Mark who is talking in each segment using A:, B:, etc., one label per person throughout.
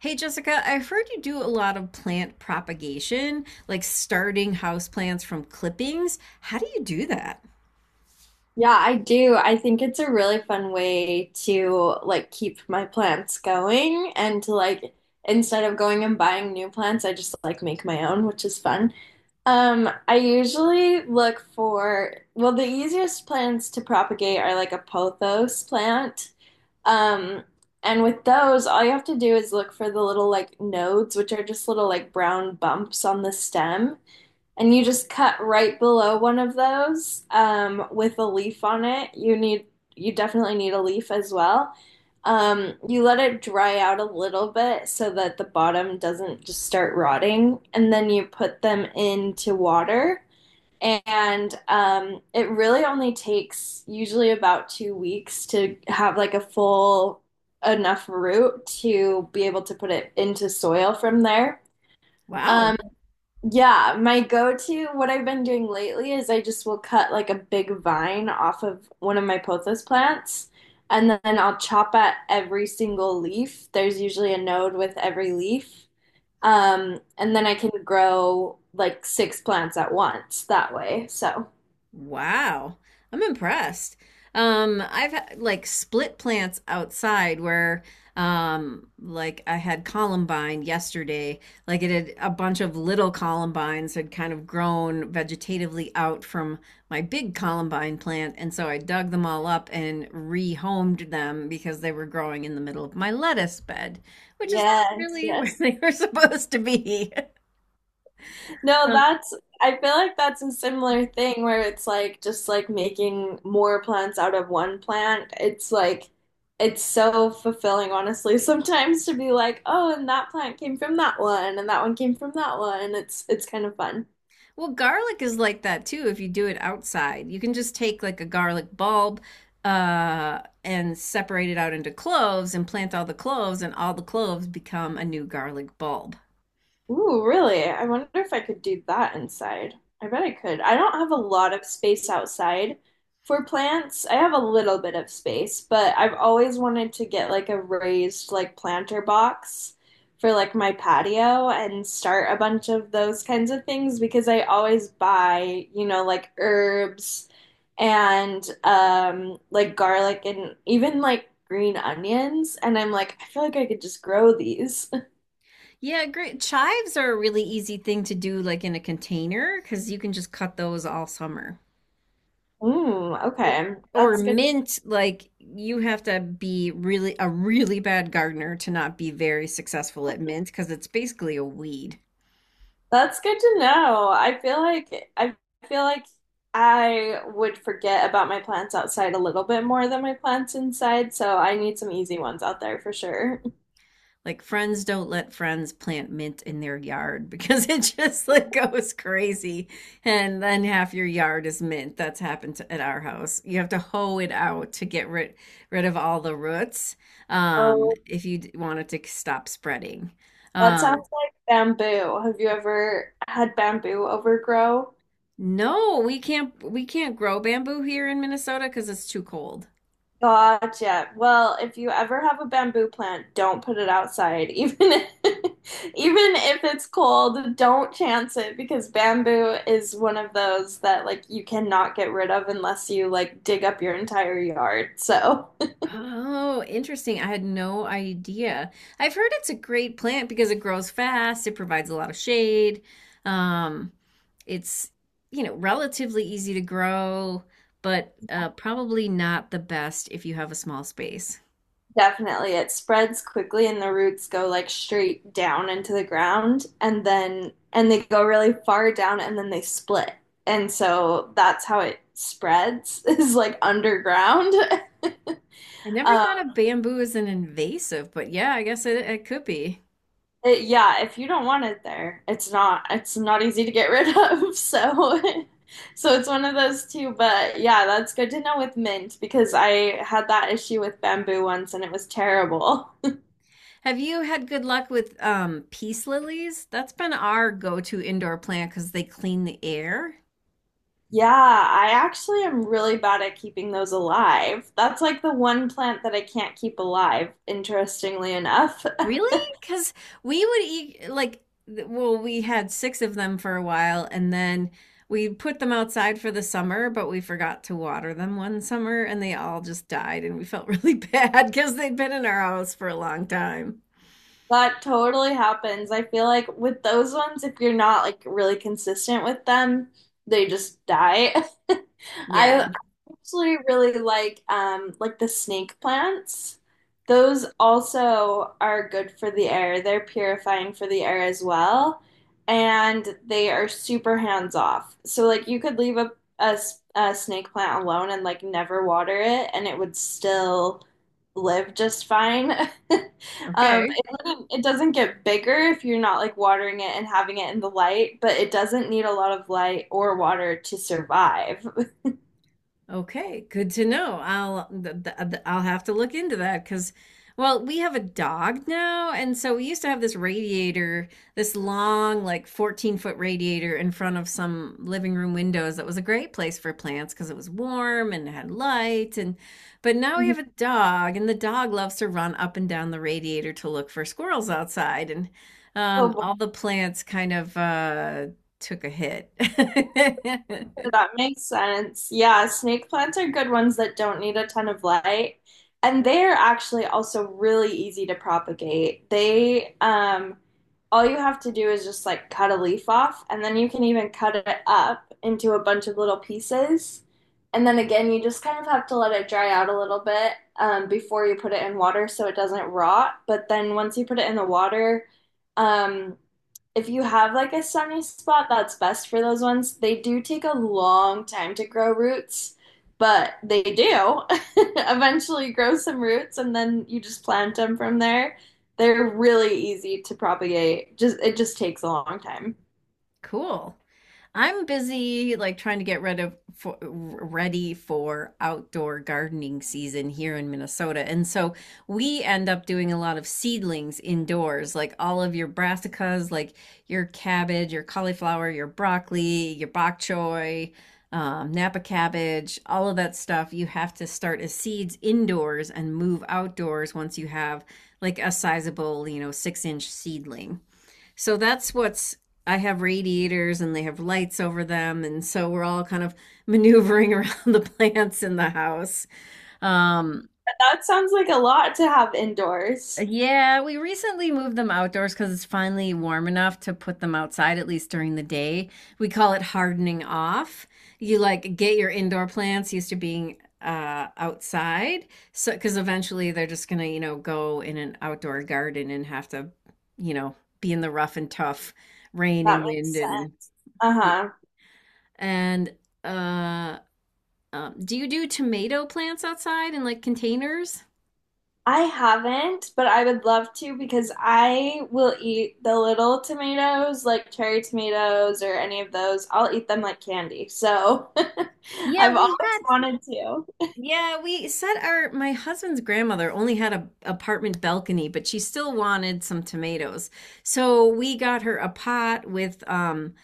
A: Hey Jessica, I've heard you do a lot of plant propagation, like starting houseplants from clippings. How do you do that?
B: Yeah, I do. I think it's a really fun way to like keep my plants going and to like instead of going and buying new plants, I just like make my own, which is fun. I usually look for well, the easiest plants to propagate are like a pothos plant. Um, and with those, all you have to do is look for the little like nodes, which are just little like brown bumps on the stem and you just cut right below one of those with a leaf on it. You definitely need a leaf as well. You let it dry out a little bit so that the bottom doesn't just start rotting, and then you put them into water. And it really only takes usually about 2 weeks to have like a full enough root to be able to put it into soil from there.
A: Wow.
B: Um, yeah, my go-to, what I've been doing lately is I just will cut like a big vine off of one of my pothos plants, and then I'll chop at every single leaf. There's usually a node with every leaf. And then I can grow like six plants at once that way. So,
A: Wow, I'm impressed. I've had like split plants outside where like I had columbine yesterday. Like it had a bunch of little columbines had kind of grown vegetatively out from my big columbine plant, and so I dug them all up and rehomed them because they were growing in the middle of my lettuce bed, which is not
B: yes,
A: really where
B: yes.
A: they were supposed to be.
B: No, that's, I feel like that's a similar thing where it's like just like making more plants out of one plant. It's like, it's, so fulfilling, honestly, sometimes to be like, oh, and that plant came from that one, and that one came from that one. It's kind of fun.
A: Well, garlic is like that too if you do it outside. You can just take like a garlic bulb and separate it out into cloves and plant all the cloves and all the cloves become a new garlic bulb.
B: Ooh, really? I wonder if I could do that inside. I bet I could. I don't have a lot of space outside for plants. I have a little bit of space, but I've always wanted to get like a raised like planter box for like my patio and start a bunch of those kinds of things because I always buy, you know, like herbs and like garlic and even like green onions and I'm like I feel like I could just grow these.
A: Yeah, great. Chives are a really easy thing to do like in a container cuz you can just cut those all summer.
B: Mm,
A: Or,
B: okay.
A: or
B: That's good.
A: mint, like you have to be really a really bad gardener to not be very successful at mint cuz it's basically a weed.
B: That's good to know. I feel like I feel like I would forget about my plants outside a little bit more than my plants inside, so I need some easy ones out there for sure.
A: Like friends don't let friends plant mint in their yard because it just like goes crazy and then half your yard is mint. That's happened to, at our house. You have to hoe it out to get rid rid of all the roots
B: Oh,
A: if you want it to stop spreading.
B: that
A: Um
B: sounds like bamboo. Have you ever had bamboo overgrow?
A: no, we can't grow bamboo here in Minnesota because it's too cold.
B: Gotcha. Well, if you ever have a bamboo plant, don't put it outside. Even if it's cold, don't chance it because bamboo is one of those that like you cannot get rid of unless you like dig up your entire yard. So,
A: Oh, interesting. I had no idea. I've heard it's a great plant because it grows fast, it provides a lot of shade. Um, it's, you know, relatively easy to grow, but probably not the best if you have a small space.
B: definitely. It spreads quickly and the roots go like straight down into the ground and then and they go really far down and then they split. And so that's how it spreads is like underground.
A: I never
B: Um,
A: thought of bamboo as an invasive, but yeah, I guess it, it could be.
B: yeah, if you don't want it there, it's not easy to get rid of. So so it's one of those two, but yeah, that's good to know with mint because I had that issue with bamboo once and it was terrible.
A: Have you had good luck with peace lilies? That's been our go-to indoor plant because they clean the air.
B: Yeah, I actually am really bad at keeping those alive. That's like the one plant that I can't keep alive, interestingly enough.
A: Really? Because we would eat like well, we had six of them for a while, and then we put them outside for the summer, but we forgot to water them one summer, and they all just died, and we felt really bad because they'd been in our house for a long time.
B: That totally happens. I feel like with those ones, if you're not like really consistent with them, they just die.
A: Yeah.
B: I actually really like the snake plants. Those also are good for the air. They're purifying for the air as well, and they are super hands off. So like you could leave a snake plant alone and like never water it, and it would still live just fine.
A: Okay.
B: It doesn't get bigger if you're not like watering it and having it in the light, but it doesn't need a lot of light or water to survive.
A: Okay, good to know. I'll I'll have to look into that because, well, we have a dog now, and so we used to have this radiator, this long, like 14-foot radiator in front of some living room windows that was a great place for plants because it was warm and it had light and but now we
B: Mhm.
A: have a dog, and the dog loves to run up and down the radiator to look for squirrels outside, and
B: Oh, boy,
A: all the plants kind of took a hit.
B: that makes sense. Yeah, snake plants are good ones that don't need a ton of light. And they're actually also really easy to propagate. All you have to do is just like cut a leaf off, and then you can even cut it up into a bunch of little pieces. And then again, you just kind of have to let it dry out a little bit, before you put it in water so it doesn't rot. But then once you put it in the water, um, if you have like a sunny spot, that's best for those ones. They do take a long time to grow roots, but they do eventually grow some roots and then you just plant them from there. They're really easy to propagate. Just it just takes a long time.
A: Cool. I'm busy like trying to get rid of for, ready for outdoor gardening season here in Minnesota. And so we end up doing a lot of seedlings indoors, like all of your brassicas, like your cabbage, your cauliflower, your broccoli, your bok choy, Napa cabbage, all of that stuff. You have to start as seeds indoors and move outdoors once you have like a sizable, you know, six-inch seedling. So that's what's I have radiators and they have lights over them and so we're all kind of maneuvering around the plants in the house. Um
B: But that sounds like a lot to have indoors.
A: yeah, we recently moved them outdoors because it's finally warm enough to put them outside, at least during the day. We call it hardening off. You like get your indoor plants used to being outside. So, because eventually they're just gonna, you know, go in an outdoor garden and have to, you know, be in the rough and tough rain
B: That
A: and
B: makes
A: wind
B: sense.
A: and
B: Uh-huh.
A: And uh, do you do tomato plants outside in like containers?
B: I haven't, but I would love to because I will eat the little tomatoes, like cherry tomatoes or any of those. I'll eat them like candy. So
A: Yeah,
B: I've
A: we had
B: always wanted to.
A: yeah, we set our my husband's grandmother only had a apartment balcony, but she still wanted some tomatoes. So we got her a pot with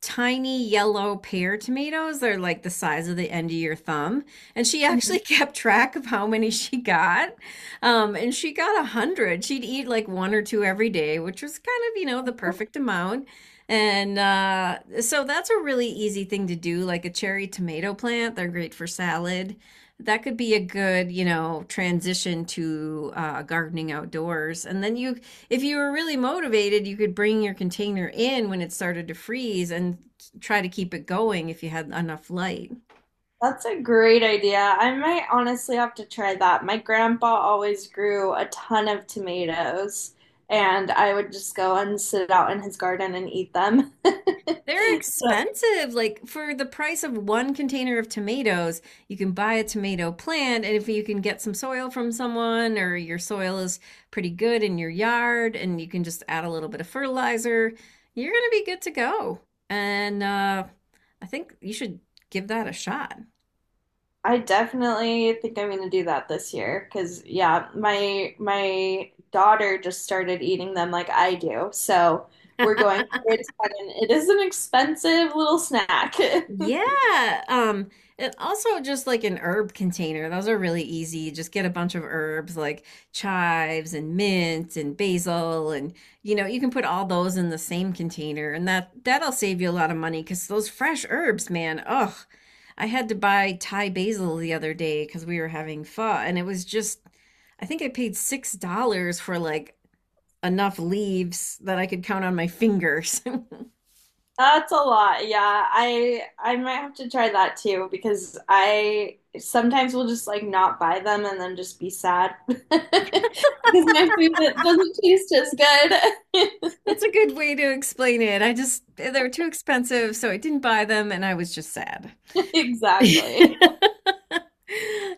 A: tiny yellow pear tomatoes. They're like the size of the end of your thumb. And she actually
B: Mhm.
A: kept track of how many she got. And she got a hundred. She'd eat like one or two every day, which was kind of, you know, the perfect amount. And so that's a really easy thing to do, like a cherry tomato plant. They're great for salad. That could be a good, you know, transition to gardening outdoors. And then you if you were really motivated, you could bring your container in when it started to freeze and try to keep it going if you had enough light.
B: That's a great idea. I might honestly have to try that. My grandpa always grew a ton of tomatoes, and I would just go and sit out in his garden and eat them.
A: They're
B: So
A: expensive. Like for the price of one container of tomatoes, you can buy a tomato plant. And if you can get some soil from someone or your soil is pretty good in your yard and you can just add a little bit of fertilizer, you're going to be good to go. And I think you should give that a shot.
B: I definitely think I'm gonna do that this year because yeah, my daughter just started eating them like I do. So we're going through it together, and it is an expensive little snack.
A: Yeah. Um, and also just like an herb container. Those are really easy. Just get a bunch of herbs like chives and mint and basil and, you know, you can put all those in the same container and that'll save you a lot of money because those fresh herbs, man. Ugh. I had to buy Thai basil the other day because we were having pho and it was just I think I paid $6 for like enough leaves that I could count on my fingers.
B: That's a lot. Yeah, I might have to try that too because I sometimes will just like not buy them and then just be sad because my food doesn't taste as good.
A: That's a good way to explain it. I just, they were too expensive, so I didn't buy them and I was just sad.
B: Exactly.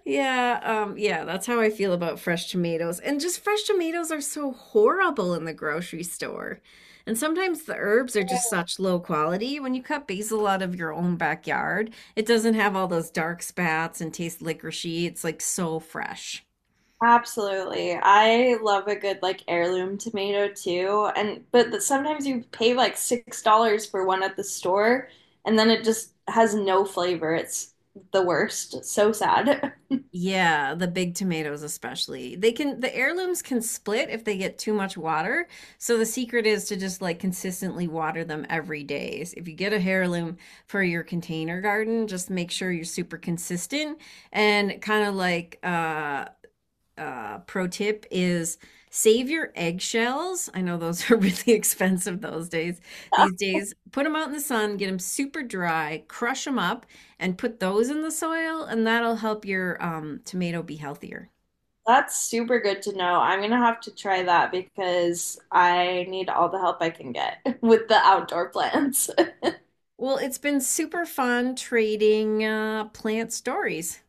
A: Yeah, yeah, that's how I feel about fresh tomatoes. And just fresh tomatoes are so horrible in the grocery store. And sometimes the herbs are just such low quality. When you cut basil out of your own backyard, it doesn't have all those dark spats and taste licoricey. It's like so fresh.
B: Absolutely. I love a good like heirloom tomato too. And but th- sometimes you pay like $6 for one at the store and then it just has no flavor. It's the worst. It's so sad.
A: Yeah, the big tomatoes especially. They can the heirlooms can split if they get too much water. So the secret is to just like consistently water them every day. So if you get a heirloom for your container garden, just make sure you're super consistent and kind of like pro tip is save your eggshells. I know those are really expensive those days. These days, put them out in the sun, get them super dry, crush them up, and put those in the soil, and that'll help your tomato be healthier.
B: That's super good to know. I'm gonna have to try that because I need all the help I can get with the outdoor plants.
A: Well, it's been super fun trading plant stories.